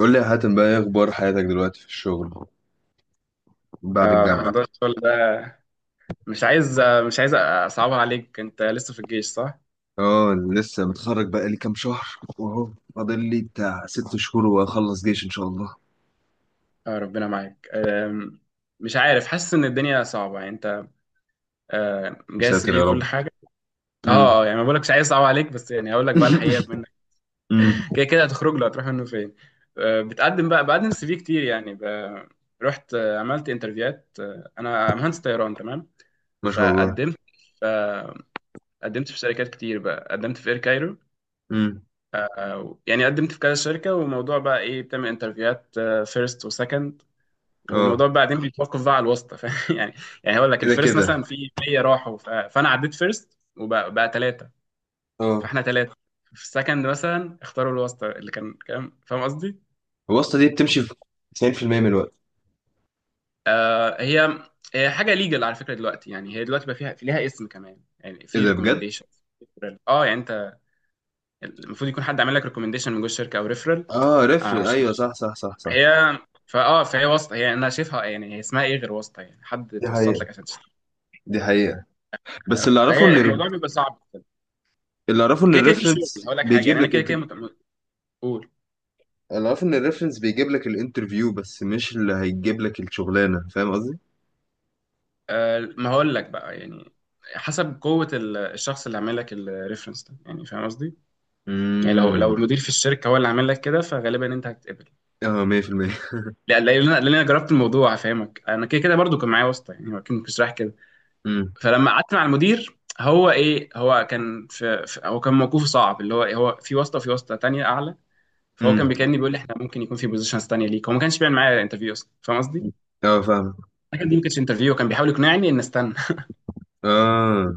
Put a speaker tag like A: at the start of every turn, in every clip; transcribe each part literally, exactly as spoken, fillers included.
A: قول لي يا حاتم بقى، ايه اخبار حياتك دلوقتي في الشغل بعد
B: اه موضوع
A: الجامعة؟
B: الشغل ده. مش عايز مش عايز اصعبها عليك، انت لسه في الجيش صح؟
A: اه، لسه متخرج بقى لي كام شهر، واهو فاضل لي بتاع ست شهور واخلص جيش ان شاء الله.
B: اه ربنا معاك. آم، مش عارف، حاسس ان الدنيا صعبة يعني انت آه،
A: يا
B: مجهز
A: ساتر يا
B: بيه كل
A: رب.
B: حاجة. اه.
A: امم.
B: آه، يعني ما بقولكش عايز اصعب عليك، بس يعني هقول لك بقى الحقيقة منك.
A: امم.
B: كده كده هتخرج له، هتروح منه فين؟ آه، بتقدم بقى، بقدم سي في كتير يعني ب- رحت، آه، عملت انترفيوهات، آه، انا مهندس طيران تمام.
A: ما شاء الله.
B: فقدمت، آه، قدمت في شركات كتير بقى، قدمت في اير كايرو،
A: امم.
B: يعني قدمت في كذا شركة. وموضوع بقى ايه، بتعمل انترفيوهات فيرست وسكند، وموضوع
A: اه
B: بعدين بيتوقف بقى على الواسطة فاهم، يعني. يعني هقول لك
A: كده
B: الفيرست
A: كده.
B: مثلا في مية راحوا، ف- فانا عديت فيرست وبقى بقى ثلاثة.
A: اه،
B: فاحنا ثلاثة. في السكند مثلا اختاروا الواسطة، اللي كان كام فاهم قصدي؟
A: الواسطة دي بتمشي في تسعين في المية من الوقت.
B: آه هي هي حاجة ليجل على فكرة دلوقتي، يعني هي دلوقتي بقى فيها، في ليها اسم كمان يعني،
A: ايه
B: في
A: ده بجد.
B: ريكومنديشن. اه يعني انت المفروض يكون حد عامل لك ريكومنديشن من جوه الشركة او ريفرال،
A: اه ريفرنس،
B: عشان
A: ايوه، صح صح صح صح.
B: هي فاه فهي واسطه، هي انا شايفها يعني، هي اسمها ايه غير واسطه؟ يعني حد
A: دي
B: توسط
A: حقيقة،
B: لك عشان تشتري.
A: دي حقيقة، بس
B: آه،
A: اللي اعرفه ان
B: فهي الموضوع بيبقى صعب.
A: اللي اعرفه ان
B: كده كده في شغل،
A: الريفرنس
B: هقول لك حاجه، يعني
A: بيجيب
B: انا
A: لك
B: كده
A: انت.
B: كده مت- مت- قول.
A: انا عارف ان الريفرنس بيجيب لك الانترفيو بس مش اللي هيجيب لك الشغلانه، فاهم قصدي؟
B: آه ما هقول لك بقى يعني، حسب قوه ال- الشخص اللي عامل لك الريفرنس ده، يعني فاهم قصدي؟ يعني لو لو
A: امم.
B: المدير في الشركه هو اللي عامل لك كده، فغالبا انت هتتقبل.
A: اه، مية بالمية.
B: لا لا، لان انا لأن أنا جربت الموضوع هفهمك، انا كده كده برضو كان معايا واسطه، يعني هو أكيد مش رايح كده.
A: امم.
B: فلما قعدت مع المدير، هو ايه هو كان في, في هو كان موقفه صعب، اللي هو إيه، هو في واسطه في واسطه تانية اعلى. فهو
A: امم.
B: كان بيكلمني بيقول لي احنا ممكن يكون في بوزيشنز تانية ليك، هو ما كانش بيعمل معايا انترفيو اصلا فاهم قصدي؟
A: اه فاهم.
B: لكن دي ما كانتش انترفيو، كان بيحاول يقنعني ان استنى.
A: اه.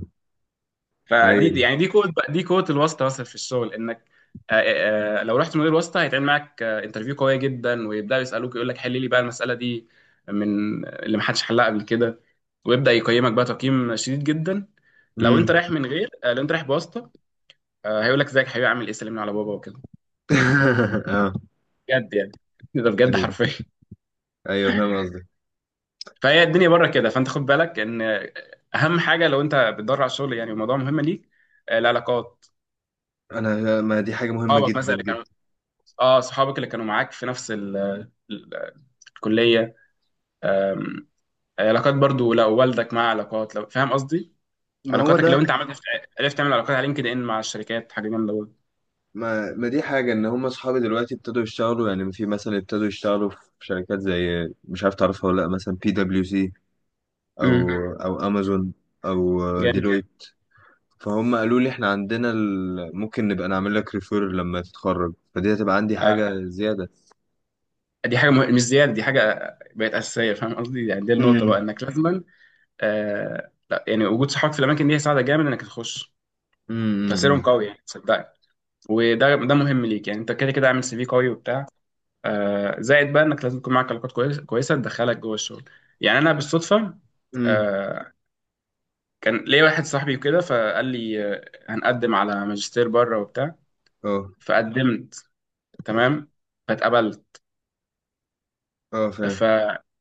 B: فدي دي-
A: ايوه.
B: يعني دي كود بقى- دي كود الواسطه اصلا في الشغل، انك آه، آه، آه، لو رحت مدير واسطه هيتعمل معاك انترفيو قويه جدا، ويبداوا يسالوك، يقول لك حل لي بقى المساله دي، من اللي ما حدش حلها قبل كده، ويبدا يقيمك بقى تقييم شديد جدا. لو انت
A: امم.
B: رايح من غير آه، لو انت رايح بواسطه، آه، هيقول لك ازيك حبيبي، عامل ايه، سلمنا على بابا وكده،
A: اه،
B: بجد يعني، ده بجد
A: ايوه
B: حرفيا.
A: ايوه، فاهم قصدك.
B: فهي الدنيا بره كده، فانت خد بالك ان اهم حاجه لو انت بتدور على الشغل، يعني الموضوع مهم ليك، آه، العلاقات،
A: انا، ما دي حاجه مهمه
B: صحابك
A: جدا
B: مثلا اللي كانوا،
A: جدا.
B: اه صحابك اللي كانوا معاك في نفس ال... ال- الكليه. آم، علاقات برضو، لو والدك مع علاقات، لو فاهم قصدي،
A: ما هو
B: علاقاتك، لو
A: ده.
B: انت عملت، عرفت تعمل علاقات على لينكد ان مع الشركات، حاجه جامده برضه.
A: ما, ما دي حاجه ان هم اصحابي دلوقتي ابتدوا يشتغلوا، يعني في مثلا ابتدوا يشتغلوا في شركات زي، مش عارف تعرفها ولا لا، مثلا بي دبليو سي، او
B: امم.
A: او امازون، او
B: جامد.
A: ديلويت. فهم قالوا لي احنا عندنا ال، ممكن نبقى نعمل لك ريفير لما تتخرج، فدي هتبقى عندي
B: آه.
A: حاجة زيادة.
B: دي حاجه مه... مش زياده، دي حاجه بقت اساسيه فاهم قصدي، يعني دي النقطه بقى
A: امم.
B: انك لازما. آه لا، يعني وجود صحابك في الاماكن دي هيساعدك جامد انك تخش، تاثيرهم
A: امم.
B: قوي يعني صدقني. وده ده مهم ليك يعني، انت كده كده عامل سي في قوي وبتاع، آه زائد بقى انك لازم يكون معاك علاقات كويسه كويسه تدخلك جوه الشغل. يعني انا بالصدفه،
A: امم.
B: آه، كان ليا واحد صاحبي وكده فقال لي، آه، هنقدم على ماجستير بره وبتاع،
A: اه.
B: فقدمت، تمام، فاتقبلت.
A: اه فاهم.
B: ف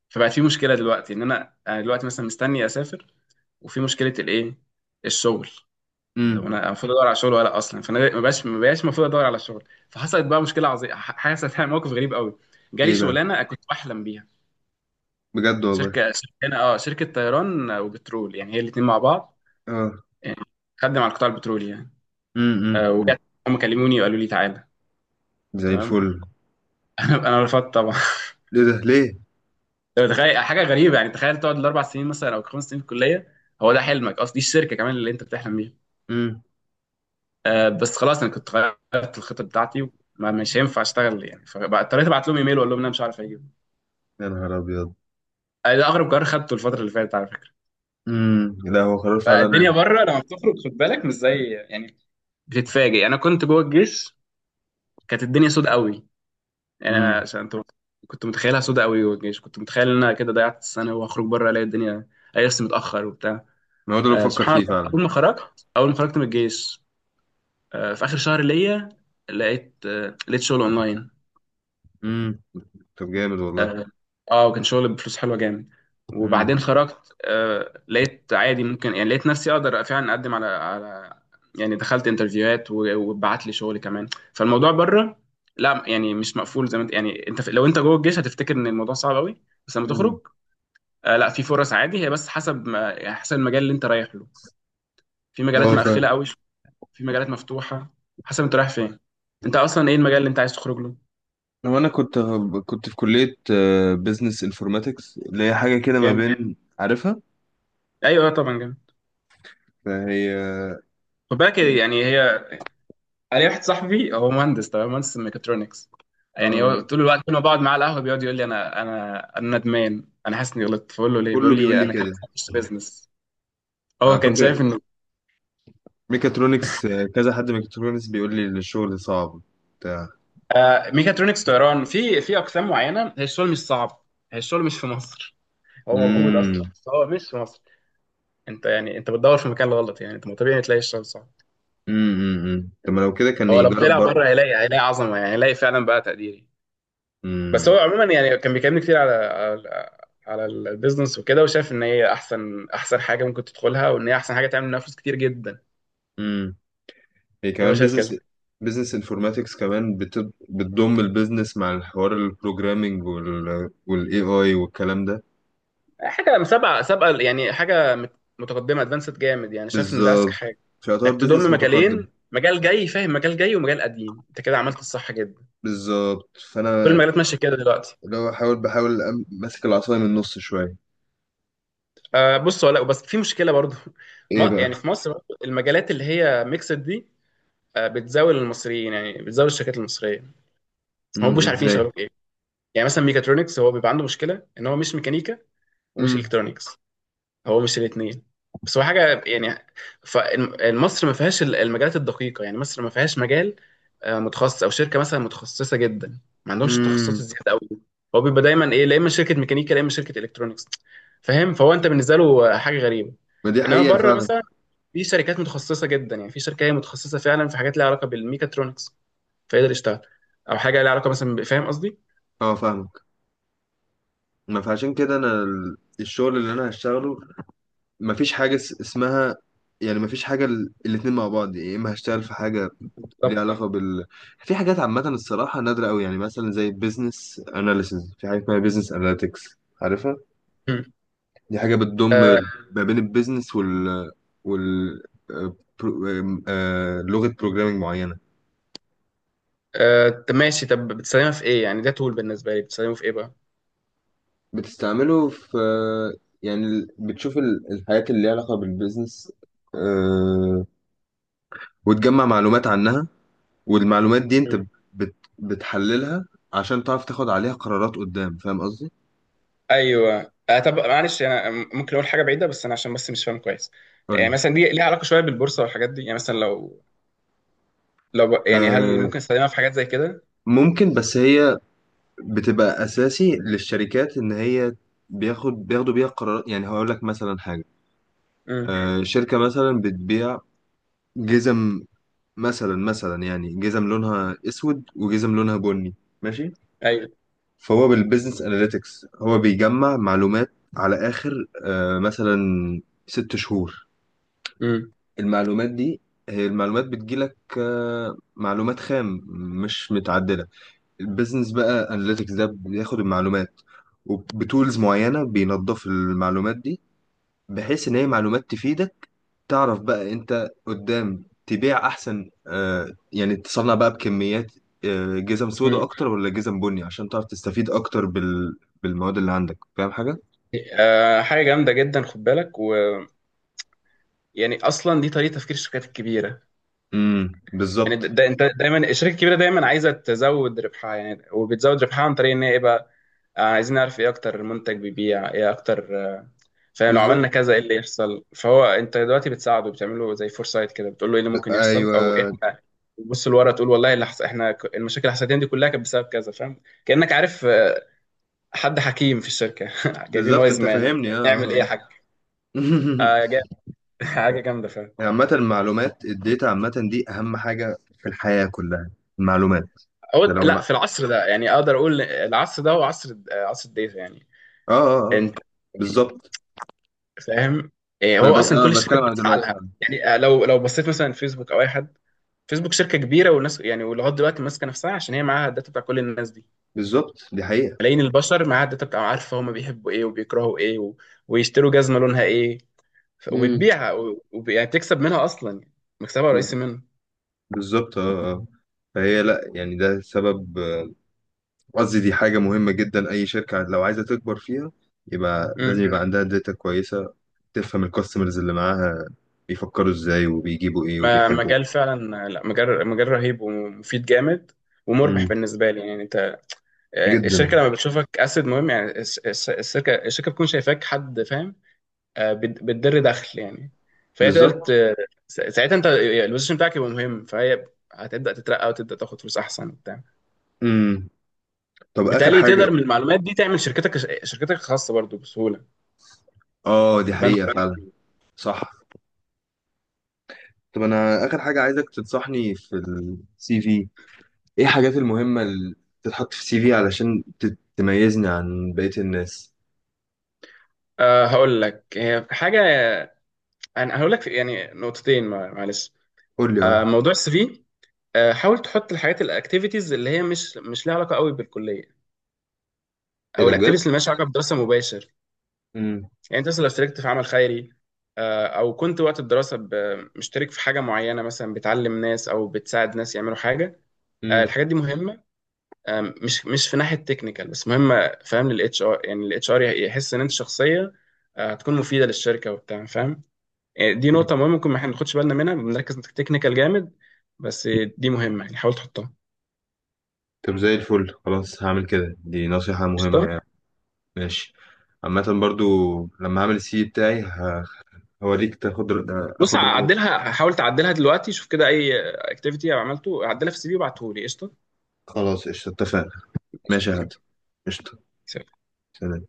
B: فبقت في مشكله دلوقتي، ان انا انا دلوقتي مثلا مستني اسافر، وفي مشكله، الايه الشغل. طب
A: امم.
B: انا المفروض ادور على شغل ولا اصلا؟ فانا ما بقاش ما بقاش المفروض ادور على شغل. فحصلت بقى مشكله عظيمه، حصلت يعني موقف غريب قوي، جالي
A: ايه بقى.
B: شغلانه كنت بحلم بيها.
A: بجد والله.
B: شركه، شركه اه شركه طيران وبترول، يعني هي الاثنين مع بعض،
A: اه.
B: يعني خدم على القطاع البترولي يعني.
A: امم.
B: آه، وهم كلموني وقالوا لي تعالى،
A: زي
B: تمام.
A: الفل.
B: انا انا رفضت طبعا.
A: ليه ده ليه.
B: طب تخيل حاجه غريبه، يعني تخيل تقعد الاربع سنين مثلا او خمس سنين في الكليه، هو ده حلمك، اصل دي الشركه كمان اللي انت بتحلم بيها.
A: امم.
B: آه، بس خلاص، انا كنت غيرت الخطه بتاعتي، وما- مش هينفع اشتغل يعني، فاضطريت ابعت لهم ايميل واقول لهم إن انا مش عارف اجي.
A: يا نهار ابيض.
B: ده اغرب قرار خدته الفتره اللي فاتت على فكره.
A: امم. لا، هو قرار
B: فالدنيا
A: فعلا.
B: بره لما بتخرج، خد بالك مش زي، يعني بتتفاجئ. انا كنت جوه الجيش كانت الدنيا سود قوي، يعني انا
A: امم.
B: عشان أنت- كنت متخيلها سود قوي. جوه الجيش كنت متخيل ان انا كده ضيعت السنه، وهخرج بره الاقي الدنيا لسه متاخر وبتاع.
A: ما هو ده اللي
B: آه
A: بفكر
B: سبحان
A: فيه
B: الله،
A: فعلا.
B: اول ما خرجت اول ما خرجت من الجيش، آه في اخر شهر ليا، لقيت آه لقيت شغل اونلاين.
A: امم. طب جامد والله.
B: اه. آه، وكان شغل بفلوس حلوه جامد.
A: امم.
B: وبعدين خرجت، آه لقيت عادي ممكن، يعني لقيت نفسي اقدر فعلا اقدم على على يعني دخلت انترفيوهات و- واتبعت لي شغل كمان. فالموضوع بره، لا يعني مش مقفول زي ما انت، يعني انت في- لو انت جوه الجيش هتفتكر ان الموضوع صعب قوي، بس لما
A: امم.
B: تخرج آه لا، في فرص عادي، هي بس حسب ما، يعني حسب المجال اللي انت رايح له. في مجالات
A: اه فاهم.
B: مقفله قوي، في مجالات مفتوحه، حسب انت رايح فين. انت اصلا ايه المجال اللي انت عايز تخرج له؟
A: هو انا كنت كنت في كلية بزنس انفورماتكس، اللي هي حاجة كده ما
B: جامد.
A: بين عارفها.
B: ايوه، آه، طبعا جامد.
A: فهي
B: خد بالك يعني، هي، انا واحد صاحبي هو مهندس تمام، مهندس ميكاترونكس، يعني هو
A: اه،
B: طول الوقت كل ما بقعد معاه على القهوه بيقعد يقول لي انا انا انا ندمان، انا حاسس اني غلطت، فبقول له ليه، بيقول
A: كله بيقول
B: لي
A: لي
B: انا كان
A: كده.
B: لازم اخش بيزنس. هو
A: على
B: كان
A: فكرة،
B: شايف انه
A: ميكاترونكس، آه، كذا حد ميكاترونكس بيقول لي الشغل صعب بتاع.
B: آه ميكاترونكس طيران في في اقسام معينه هي الشغل مش صعب، هي الشغل مش في مصر، هو موجود اصلا
A: امم.
B: بس هو مش في مصر. انت يعني انت بتدور في المكان الغلط، يعني انت ما طبيعي تلاقي الشغل صعب.
A: امم. أمم. طب ما لو كده كان
B: هو لو
A: يجرب
B: طلع بره
A: بره.
B: هيلاقي هيلاقي عظمه، يعني هيلاقي فعلا بقى تقدير. بس
A: امم.
B: هو عموما يعني كان بيكلمني كتير على على على البيزنس وكده، وشايف ان هي احسن احسن حاجه ممكن تدخلها، وان هي احسن حاجه تعمل منها فلوس كتير جدا.
A: امم. هي
B: يعني هو
A: كمان
B: شايف
A: بزنس.
B: كده،
A: بزنس انفورماتكس كمان بت- بتضم البيزنس مع الحوار البروجرامينج وال والاي اي والكلام ده.
B: حاجه سابقه سابقه، يعني حاجه مت- متقدمه ادفانسد جامد، يعني شايف ان ده اذكى
A: بالظبط،
B: حاجه،
A: فيعتبر
B: انك
A: بزنس
B: تضم
A: متقدم.
B: مجالين، مجال جاي فاهم، مجال جاي ومجال قديم، انت كده عملت الصح جدا.
A: بالظبط،
B: كل
A: فانا
B: المجالات ماشيه كده دلوقتي.
A: لو احاول بحاول، أم- ماسك العصايه من النص شويه.
B: آه بص ولا، بس في مشكله برضو.
A: ايه
B: ما
A: بقى.
B: يعني في مصر برضو المجالات اللي هي ميكسد دي، آه بتزاول المصريين، يعني بتزاول الشركات المصريه، هم
A: امم.
B: مش عارفين
A: ازاي؟
B: يشغلوك. يعني مثلا ميكاترونكس هو بيبقى عنده مشكله ان هو مش ميكانيكا ومش
A: امم.
B: الكترونكس، هو مش الاثنين، بس هو حاجه يعني. فمصر ما فيهاش ال- المجالات الدقيقه، يعني مصر ما فيهاش مجال آه، متخصص، او شركه مثلا متخصصه جدا، ما عندهمش التخصصات
A: امم.
B: الزياده قوي دي. هو بيبقى دايما ايه، لا اما شركه ميكانيكا لا اما شركه الكترونكس، فاهم، فهو انت بالنسبه له آه، حاجه غريبه.
A: ما دي
B: انما
A: حقيقة
B: بره
A: فعلا.
B: مثلا في شركات متخصصه جدا، يعني في شركه هي متخصصه فعلا في حاجات لها علاقه بالميكاترونكس، فيقدر يشتغل، او حاجه لها علاقه مثلا ب- فاهم قصدي.
A: اه فاهمك. ما فعشان كده انا ال- الشغل اللي انا هشتغله، ما فيش حاجة اس- اسمها، يعني ما فيش حاجة ال- الاتنين مع بعض. يا اما هشتغل في حاجة ليها علاقة بال، في حاجات عامة الصراحة نادرة قوي، يعني مثلا زي بيزنس اناليسز، في حاجة اسمها بيزنس اناليتكس، عارفها.
B: بالظبط.
A: دي حاجة بتضم ما بين البيزنس وال وال آه، برو- آه، آه، لغة بروجرامينج معينة.
B: آه، طب ماشي، طب بتستخدمها في ايه يعني، ده تول بالنسبه لي بتستخدمه في ايه بقى؟
A: بتستعمله في، يعني ال- بتشوف ال- الحاجات اللي ليها علاقة بالبيزنس، آه، وتجمع معلومات عنها. والمعلومات دي انت
B: مم.
A: بت بتحللها عشان تعرف تاخد عليها قرارات قدام، فاهم قصدي؟
B: ايوه. آه، طب معلش، انا ممكن اقول حاجه بعيده، بس انا عشان بس مش فاهم كويس. يعني
A: قولي.
B: مثلا دي ليها علاقه شويه بالبورصه والحاجات دي، يعني مثلا لو لو ب- يعني هل
A: آه،
B: ممكن استخدمها في حاجات زي كده؟
A: ممكن، بس هي بتبقى أساسي للشركات إن هي بياخد بياخدوا بيها قرارات. يعني هقول لك مثلا حاجة،
B: امم.
A: آه، شركة مثلا بتبيع جزم، مثلا مثلا يعني جزم لونها أسود وجزم لونها بني. ماشي.
B: ايوه.
A: فهو بالبيزنس اناليتكس هو بيجمع معلومات على اخر، آه، مثلا ست شهور.
B: امم.
A: المعلومات دي، هي المعلومات بتجيلك آه، معلومات خام مش متعدلة. البيزنس بقى اناليتكس ده بياخد المعلومات وبتولز معينة بينظف المعلومات دي بحيث ان هي معلومات تفيدك، تعرف بقى انت قدام تبيع احسن. آه يعني تصنع بقى بكميات، آه جزم سودا
B: امم.
A: اكتر ولا جزم بني، عشان تعرف تستفيد اكتر بال... بالمواد اللي عندك. فاهم حاجة؟
B: آه حاجه جامده جدا، خد بالك، ويعني اصلا دي طريقه تفكير الشركات الكبيره،
A: امم.
B: يعني ده
A: بالظبط.
B: ده- انت دايما الشركه الكبيره دايما عايزه تزود ربحها يعني، وبتزود ربحها عن طريق ان هي ايه بقى، آه، عايزين نعرف ايه اكتر منتج بيبيع ايه اكتر، فلو
A: بالظبط.
B: عملنا كذا ايه اللي يحصل. فهو انت دلوقتي بتساعده، بتعمله زي فورسايت كده، بتقول له ايه اللي ممكن يحصل، او
A: ايوه.
B: احنا بتبص لورا تقول والله اللي حص... احنا ك- المشاكل اللي حصلت دي كلها كانت بسبب كذا، فاهم، كأنك عارف آه، حد حكيم في الشركة، جايبين
A: بالظبط،
B: وايز
A: انت
B: مان،
A: فاهمني. اه.
B: نعمل ايه يا
A: آه،
B: حاج.
A: آه.
B: آه، جا- حاجة جامدة فاهم.
A: عامة المعلومات الداتا عامة دي اهم حاجة في الحياة كلها. المعلومات.
B: أو
A: انت لو
B: لا،
A: ما...
B: في العصر ده يعني اقدر اقول العصر ده هو عصر آه، عصر الداتا يعني.
A: اه اه اه.
B: انت
A: بالظبط.
B: فاهم، إيه،
A: ما
B: هو
A: انا بت-
B: اصلا كل
A: آه،
B: الشركات
A: بتكلم على
B: بتسعى
A: دلوقتي
B: لها.
A: فعلا.
B: يعني آه، لو لو بصيت مثلا فيسبوك او اي حد، فيسبوك شركه كبيره، والناس يعني ولغايه دلوقتي ماسكه نفسها عشان هي معاها الداتا بتاع كل الناس دي،
A: بالظبط، دي حقيقة.
B: ملايين البشر معاها الداتا بتاع، عارفه هم بيحبوا ايه وبيكرهوا ايه و... ويشتروا جزمه لونها ايه. ف...
A: امم.
B: وبتبيعها و... وب... يعني بتكسب منها اصلا يعني، مكسبها رئيسي منها.
A: بالظبط. اه. آه. فهي لا، يعني ده سبب. آه، قصدي، دي حاجة مهمة جدا، أي شركة لو عايزة تكبر فيها يبقى لازم
B: امم.
A: يبقى عندها داتا كويسة، تفهم الكاستمرز اللي معاها بيفكروا ازاي وبيجيبوا ايه
B: ما
A: وبيحبوا.
B: مجال فعلا، لا مجال مجال رهيب ومفيد جامد ومربح
A: امم.
B: بالنسبه لي يعني. انت، يعني
A: جدا.
B: الشركه لما بتشوفك اسد مهم، يعني الش- الش- الشركه الشركه بتكون شايفاك حد فاهم، آه، بت- بتدر دخل يعني، فهي تقدر
A: بالظبط.
B: ت- سا- ساعتها انت البوزيشن بتاعك يبقى مهم، فهي هتبدا تترقى وتبدا تاخد فلوس احسن وبتاع.
A: امم. طب آخر
B: وبالتالي
A: حاجة.
B: تقدر من المعلومات دي تعمل شركتك شركتك الخاصه برضو بسهوله،
A: اه، دي
B: تبان.
A: حقيقة فعلا. صح. طب أنا آخر حاجة عايزك تنصحني في السي في، ايه الحاجات المهمة اللي تتحط في السي في علشان تت- تميزني عن بقية الناس.
B: أه هقول لك هي حاجه، انا هقول لك في- يعني نقطتين مع- معلش.
A: قول لي اه.
B: أه موضوع السي في، آه، حاول تحط الحاجات الاكتيفيتيز اللي هي مش مش لها علاقه قوي بالكليه،
A: ايه
B: او
A: ده بجد؟
B: الاكتيفيتيز اللي مالهاش علاقه بدراسه مباشر. يعني انت مثلا لو اشتركت في عمل خيري، آه، او كنت وقت الدراسه ب- مشترك في حاجه معينه، مثلا بتعلم ناس او بتساعد ناس يعملوا حاجه. آه،
A: مم.
B: الحاجات دي مهمه، آه، مش مش في ناحيه تكنيكال بس، مهمه فاهم للاتش ار، يعني الاتش ار يحس ان انت شخصيه آه، هتكون مفيده للشركه وبتاع فاهم. يعني دي
A: مم.
B: نقطه مهمه، ممكن ما احنا ناخدش بالنا منها، بنركز تكنيكال جامد، بس دي مهمه يعني، حاول تحطها.
A: طب زي الفل، خلاص هعمل كده. دي نصيحة مهمة
B: قشطة؟
A: يعني. ماشي. عامة برضو، لما هعمل السي في بتاعي ه- هوريك، تاخد رأ-
B: بص
A: اخد رأيك.
B: عدلها، حاول تعدلها دلوقتي، شوف كده اي اكتيفيتي عملته عدلها في السي في وابعته لي قشطه.
A: خلاص قشطة، اتفقنا. ماشي يا هات. قشطة.
B: تمام.
A: سلام.